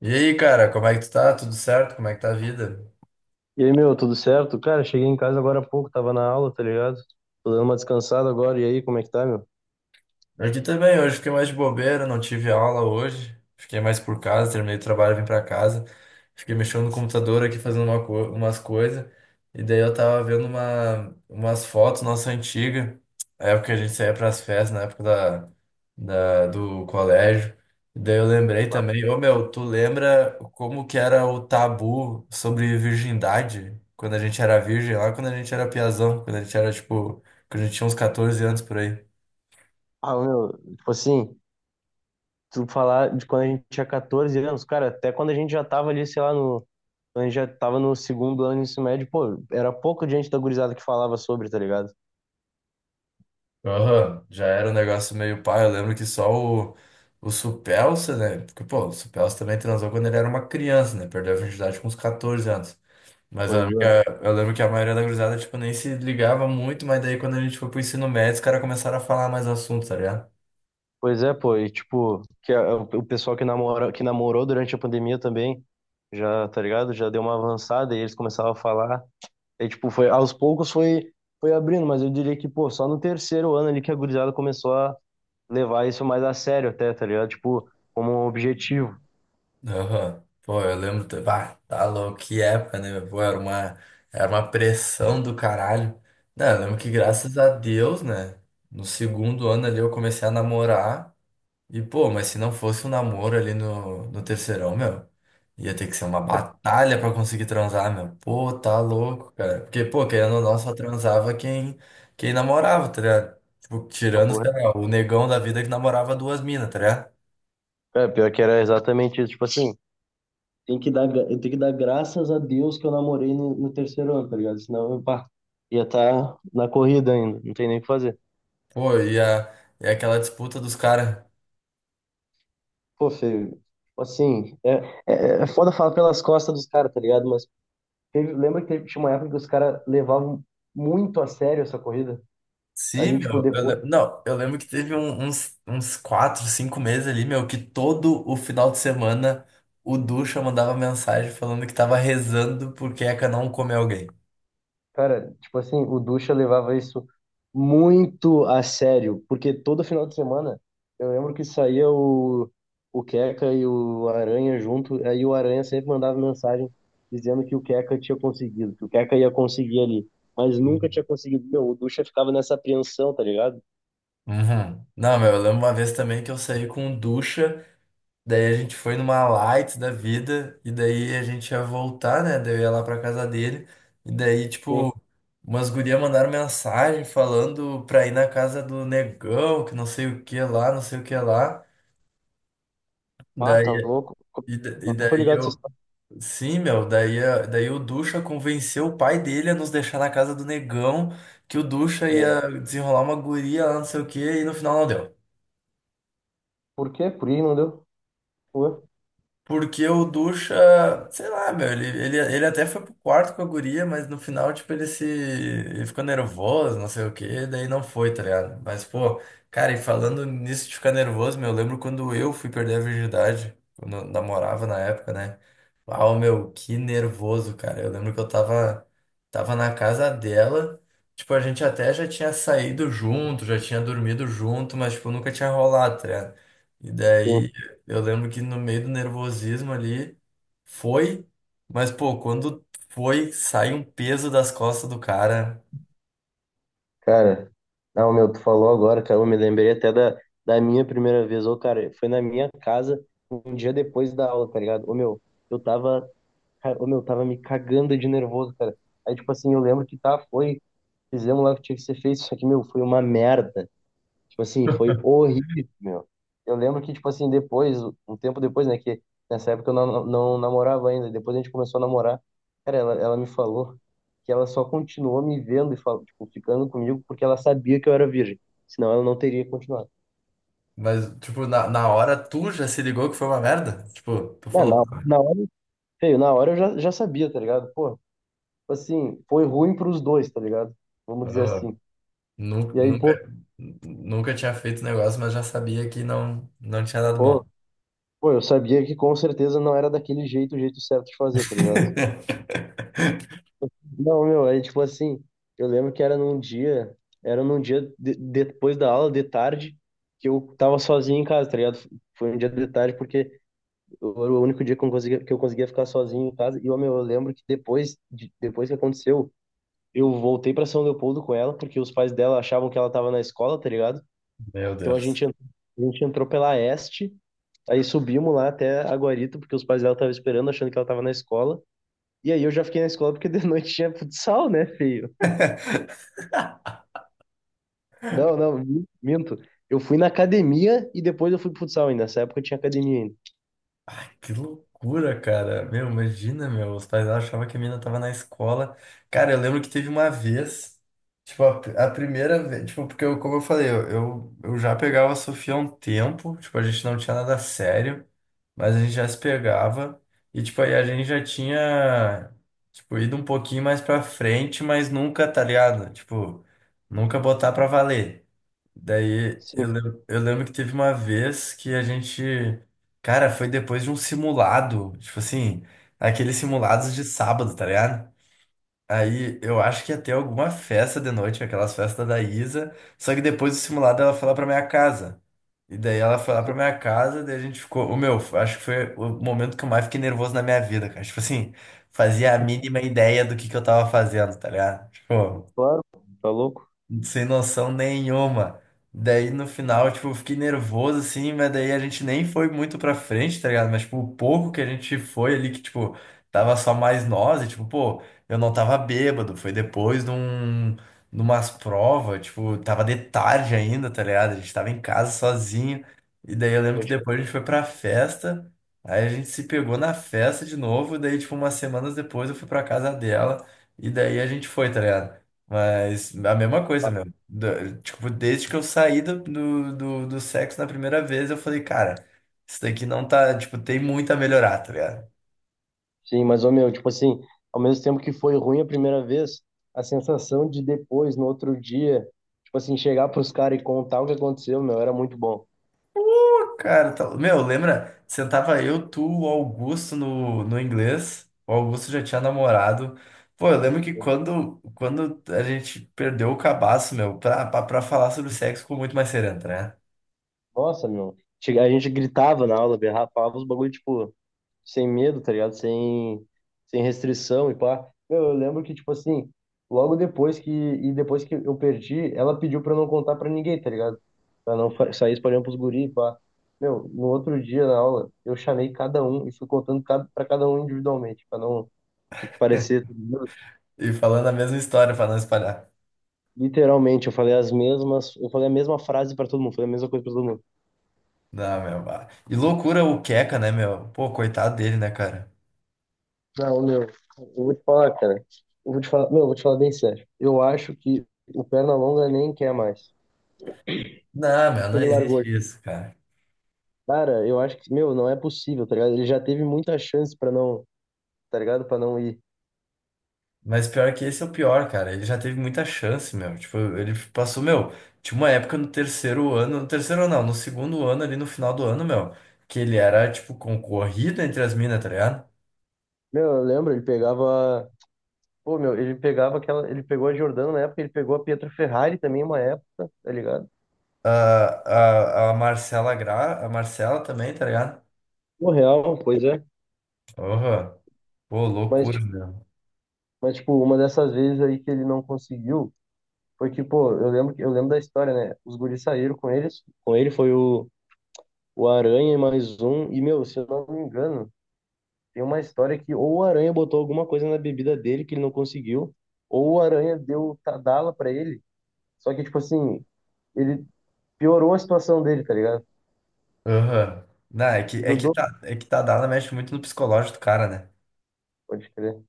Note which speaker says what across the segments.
Speaker 1: E aí, cara, como é que tu tá? Tudo certo? Como é que tá a vida?
Speaker 2: E aí, meu, tudo certo? Cara, cheguei em casa agora há pouco, tava na aula, tá ligado? Tô dando uma descansada agora, e aí, como é que tá, meu?
Speaker 1: Aqui também, hoje fiquei mais de bobeira, não tive aula hoje. Fiquei mais por casa, terminei o trabalho, vim pra casa. Fiquei mexendo no computador aqui, fazendo umas coisas. E daí eu tava vendo umas fotos nossa antiga, a época que a gente saía pras festas, na época do colégio. E daí eu lembrei também, ô meu, tu lembra como que era o tabu sobre virgindade? Quando a gente era virgem, lá quando a gente era piazão, quando a gente era tipo, quando a gente tinha uns 14 anos por aí.
Speaker 2: Ah, meu, tipo assim, tu falar de quando a gente tinha 14 anos, cara, até quando a gente já tava ali, sei lá, no, quando a gente já tava no segundo ano do ensino médio, pô, era pouco gente da gurizada que falava sobre, tá ligado?
Speaker 1: Aham, já era um negócio meio pá. Eu lembro que só o Supelsa, né? Porque, pô, o Supelsa também transou quando ele era uma criança, né? Perdeu a virgindade com uns 14 anos. Mas
Speaker 2: Pois é.
Speaker 1: eu lembro que a maioria da gurizada, tipo, nem se ligava muito, mas daí quando a gente foi pro ensino médio, os caras começaram a falar mais assuntos, tá ligado?
Speaker 2: Pois é, pô, e tipo, o pessoal que namora, que namorou durante a pandemia também, já, tá ligado? Já deu uma avançada e eles começavam a falar. É, tipo, aos poucos foi, foi abrindo, mas eu diria que, pô, só no terceiro ano ali que a gurizada começou a levar isso mais a sério até, tá ligado? Tipo, como um objetivo.
Speaker 1: Aham. Pô, eu lembro. Bah, tá louco, que época, né? Pô, era uma pressão do caralho. Não, eu lembro que graças a Deus, né? No segundo ano ali eu comecei a namorar. E, pô, mas se não fosse um namoro ali no terceirão, meu, ia ter que ser uma batalha pra conseguir transar, meu. Pô, tá louco, cara. Porque, pô, querendo ou não, só transava quem namorava, tá ligado? Tipo, tirando,
Speaker 2: Papo
Speaker 1: sei
Speaker 2: reto.
Speaker 1: lá, o negão da vida que namorava duas minas, tá ligado?
Speaker 2: É, pior que era exatamente isso. Tipo assim, tem que dar, eu tenho que dar graças a Deus que eu namorei no terceiro ano, tá ligado? Senão eu, pá, ia estar na corrida ainda, não tem nem o que fazer.
Speaker 1: Pô, e aquela disputa dos caras.
Speaker 2: Pô, feio. Tipo assim, é foda falar pelas costas dos caras, tá ligado? Mas lembra que teve, tinha uma época que os caras levavam muito a sério essa corrida?
Speaker 1: Sim,
Speaker 2: Ali, tipo,
Speaker 1: meu. Eu
Speaker 2: depois.
Speaker 1: le- não, eu lembro que teve uns quatro, cinco meses ali, meu, que todo o final de semana o Ducha mandava mensagem falando que tava rezando porque a Queca não come alguém.
Speaker 2: Cara, tipo assim, o Ducha levava isso muito a sério, porque todo final de semana eu lembro que saía o Queca e o Aranha junto, aí o Aranha sempre mandava mensagem dizendo que o Queca tinha conseguido, que o Queca ia conseguir ali, mas nunca tinha conseguido. Meu, o Ducha ficava nessa apreensão, tá ligado?
Speaker 1: Uhum. Não, meu, eu lembro uma vez também que eu saí com ducha, daí a gente foi numa light da vida, e daí a gente ia voltar, né? Daí eu ia lá pra casa dele, e daí,
Speaker 2: Sim.
Speaker 1: tipo, umas gurias mandaram mensagem falando pra ir na casa do negão, que não sei o que lá, não sei o que lá.
Speaker 2: Ah, tá
Speaker 1: Daí,
Speaker 2: louco.
Speaker 1: e
Speaker 2: Eu não tô
Speaker 1: daí
Speaker 2: ligado se vocês
Speaker 1: eu.
Speaker 2: estão.
Speaker 1: Sim, meu, daí, daí o Ducha convenceu o pai dele a nos deixar na casa do negão, que o Ducha ia desenrolar uma guria lá, não sei o que, e no final não deu.
Speaker 2: Por quê? Por que não deu? Ué?
Speaker 1: Porque o Ducha, sei lá, meu, ele até foi pro quarto com a guria, mas no final, tipo, ele se. Ele ficou nervoso, não sei o quê, daí não foi, tá ligado? Mas, pô, cara, e falando nisso de ficar nervoso, meu, eu lembro quando eu fui perder a virgindade, quando eu namorava na época, né? Uau, meu, que nervoso, cara. Eu lembro que eu tava na casa dela, tipo, a gente até já tinha saído junto, já tinha dormido junto, mas, tipo, nunca tinha rolado, tá ligado? E daí
Speaker 2: Sim.
Speaker 1: eu lembro que no meio do nervosismo ali foi, mas pô, quando foi, sai um peso das costas do cara.
Speaker 2: Cara, não, meu, tu falou agora, cara, eu me lembrei até da, da minha primeira vez. Ô, cara, foi na minha casa um dia depois da aula, tá ligado? Ô, meu, eu tava, cara, ô, meu, eu tava me cagando de nervoso, cara. Aí, tipo assim, eu lembro que tá, foi, fizemos lá o que tinha que ser feito, só que, meu, foi uma merda. Tipo assim, foi horrível, meu. Eu lembro que, tipo assim, depois, um tempo depois, né, que nessa época eu não namorava ainda, depois a gente começou a namorar, cara, ela me falou que ela só continuou me vendo e falou, tipo, ficando comigo porque ela sabia que eu era virgem, senão ela não teria continuado.
Speaker 1: Mas, tipo, na hora tu já se ligou que foi uma merda? Tipo, tu
Speaker 2: É,
Speaker 1: falou,
Speaker 2: na hora, feio, na hora eu já, já sabia, tá ligado? Pô, tipo assim, foi ruim pros dois, tá ligado? Vamos dizer assim.
Speaker 1: nunca,
Speaker 2: E aí,
Speaker 1: nunca,
Speaker 2: pô,
Speaker 1: nunca tinha feito negócio, mas já sabia que não tinha dado bom.
Speaker 2: pô, pô, eu sabia que com certeza não era daquele jeito, o jeito certo de fazer, tá ligado? Não, meu, aí tipo assim, eu lembro que era num dia, era num depois da aula, de tarde, que eu tava sozinho em casa, tá ligado? Foi um dia de tarde porque era o único dia que eu conseguia ficar sozinho em casa. E, ó, meu, eu lembro que depois, depois que aconteceu, eu voltei pra São Leopoldo com ela, porque os pais dela achavam que ela tava na escola, tá ligado?
Speaker 1: Meu
Speaker 2: Então a
Speaker 1: Deus.
Speaker 2: gente, a gente entrou pela Este, aí subimos lá até Aguarito, porque os pais dela estavam esperando, achando que ela tava na escola. E aí eu já fiquei na escola porque de noite tinha futsal, né, filho? Não, não, minto. Eu fui na academia e depois eu fui pro futsal ainda. Nessa época eu tinha academia ainda.
Speaker 1: Que loucura, cara. Meu, imagina, meu. Os pais achavam que a menina tava na escola. Cara, eu lembro que teve uma vez, tipo, a primeira vez, tipo, porque eu, como eu falei, eu já pegava a Sofia há um tempo, tipo, a gente não tinha nada sério, mas a gente já se pegava. E, tipo, aí a gente já tinha, tipo, ido um pouquinho mais pra frente, mas nunca, tá ligado? Tipo, nunca botar pra valer. Daí
Speaker 2: Sim,
Speaker 1: eu lembro que teve uma vez que a gente, cara, foi depois de um simulado, tipo assim, aqueles simulados de sábado, tá ligado? Aí eu acho que ia ter alguma festa de noite, aquelas festas da Isa, só que depois do simulado ela foi lá pra minha casa. E daí ela foi lá pra
Speaker 2: sim,
Speaker 1: minha casa, daí a gente ficou, o meu, acho que foi o momento que eu mais fiquei nervoso na minha vida, cara. Tipo assim, fazia a mínima ideia do que eu tava fazendo, tá ligado? Tipo,
Speaker 2: claro. Tá louco?
Speaker 1: sem noção nenhuma. Daí no final, tipo, eu fiquei nervoso assim, mas daí a gente nem foi muito pra frente, tá ligado? Mas, tipo, o pouco que a gente foi ali, que, tipo, tava só mais nós, e, tipo, pô, eu não tava bêbado, foi depois de de umas provas, tipo, tava de tarde ainda, tá ligado? A gente tava em casa sozinho, e daí eu lembro que
Speaker 2: Pode crer.
Speaker 1: depois a gente foi pra festa, aí a gente se pegou na festa de novo, daí, tipo, umas semanas depois eu fui pra casa dela, e daí a gente foi, tá ligado? Mas a mesma coisa, meu. Tipo, desde que eu saí do sexo na primeira vez, eu falei, cara, isso daqui não tá. Tipo, tem muito a melhorar, tá ligado?
Speaker 2: Sim, mas, ô meu, tipo assim, ao mesmo tempo que foi ruim a primeira vez, a sensação de depois, no outro dia, tipo assim, chegar pros caras e contar o que aconteceu, meu, era muito bom.
Speaker 1: Pô, cara, tá... meu, lembra? Sentava eu, tu, o Augusto no inglês. O Augusto já tinha namorado. Pô, eu lembro que quando a gente perdeu o cabaço, meu, pra falar sobre sexo ficou muito mais sereno, né?
Speaker 2: Nossa, meu. A gente gritava na aula, berrava, falava os bagulho, tipo, sem medo, tá ligado? Sem restrição e pá. Meu, eu lembro que, tipo assim, logo depois que, e depois que eu perdi, ela pediu pra eu não contar pra ninguém, tá ligado? Pra não sair espalhando pros guri, e pá. Meu, no outro dia na aula, eu chamei cada um e fui contando cada, pra cada um individualmente, pra não, tipo, parecer. Tá ligado?
Speaker 1: E falando a mesma história pra não espalhar.
Speaker 2: Literalmente, eu falei as mesmas, eu falei a mesma frase pra todo mundo, falei a mesma coisa pra todo mundo.
Speaker 1: Não, meu. Bah. E loucura o Queca, né, meu? Pô, coitado dele, né, cara?
Speaker 2: Não, meu, eu vou te falar, cara. Eu vou te falar, meu, eu vou te falar bem sério. Eu acho que o Pernalonga nem quer mais.
Speaker 1: Não, meu, não
Speaker 2: Ele largou.
Speaker 1: existe isso, cara.
Speaker 2: Cara, eu acho que, meu, não é possível, tá ligado? Ele já teve muita chance pra não, tá ligado? Pra não ir.
Speaker 1: Mas pior que esse é o pior, cara. Ele já teve muita chance, meu. Tipo, ele passou, meu. Tinha uma época no terceiro ano, no segundo ano, ali no final do ano, meu, que ele era, tipo, concorrido entre as minas, tá ligado?
Speaker 2: Meu, eu lembro, ele pegava. Pô, meu, ele pegava aquela. Ele pegou a Jordano na época, ele pegou a Pietro Ferrari também uma época, tá ligado?
Speaker 1: A, a Marcela também, tá ligado?
Speaker 2: O real, pois é.
Speaker 1: Aham. Pô,
Speaker 2: Mas,
Speaker 1: loucura,
Speaker 2: tipo,
Speaker 1: meu.
Speaker 2: mas, tipo, uma dessas vezes aí que ele não conseguiu, foi que, pô, eu lembro, eu lembro da história, né? Os guris saíram com eles, com ele foi o Aranha e mais um, e, meu, se eu não me engano, tem uma história que ou o Aranha botou alguma coisa na bebida dele que ele não conseguiu, ou o Aranha deu Tadala pra ele. Só que, tipo assim, ele piorou a situação dele, tá ligado?
Speaker 1: Aham. Não,
Speaker 2: Ajudou,
Speaker 1: é que tá dada, mexe muito no psicológico do cara, né?
Speaker 2: pode crer.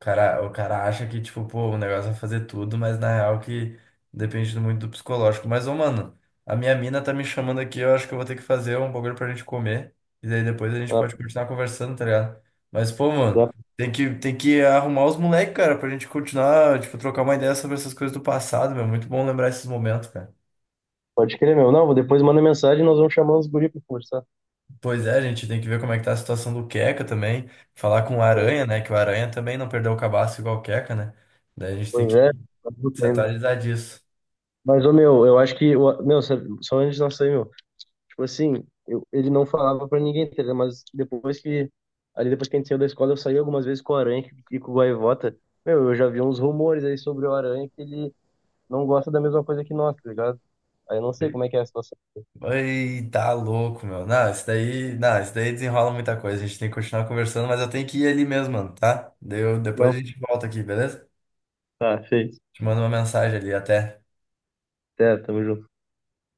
Speaker 1: O cara acha que, tipo, pô, o negócio é fazer tudo, mas na real que depende muito do psicológico. Mas, ô, mano, a minha mina tá me chamando aqui, eu acho que eu vou ter que fazer um bagulho pra gente comer. E daí depois a gente
Speaker 2: Ah,
Speaker 1: pode continuar conversando, tá ligado? Mas, pô, mano,
Speaker 2: dá-
Speaker 1: tem que arrumar os moleques, cara, pra gente continuar, tipo, trocar uma ideia sobre essas coisas do passado, meu. Muito bom lembrar esses momentos, cara.
Speaker 2: pode crer, meu. Não, depois manda mensagem e nós vamos chamar os guri pra conversar.
Speaker 1: Pois é, a gente tem que ver como é que tá a situação do Queca também. Falar com o Aranha, né? Que o Aranha também não perdeu o cabaço igual o Queca, né? Daí a gente tem
Speaker 2: Pois é,
Speaker 1: que
Speaker 2: tá tudo
Speaker 1: se
Speaker 2: ainda.
Speaker 1: atualizar disso.
Speaker 2: Mas, ô, meu, eu acho que. O- meu, sabe- só antes de nós sair, meu. Tipo assim, eu, ele não falava pra ninguém, tá ligado? Mas depois que. Ali depois que a gente saiu da escola, eu saí algumas vezes com o Aranha que- e com o Gaivota. Meu, eu já vi uns rumores aí sobre o Aranha que ele não gosta da mesma coisa que nós, tá ligado? Aí eu não sei como é que é a situação.
Speaker 1: Ai, tá louco, meu. Não, isso daí desenrola muita coisa. A gente tem que continuar conversando, mas eu tenho que ir ali mesmo, mano, tá? Deu, depois
Speaker 2: Não,
Speaker 1: a gente volta aqui, beleza?
Speaker 2: tá, feito.
Speaker 1: Te mando uma mensagem ali, até.
Speaker 2: Certo, tamo junto.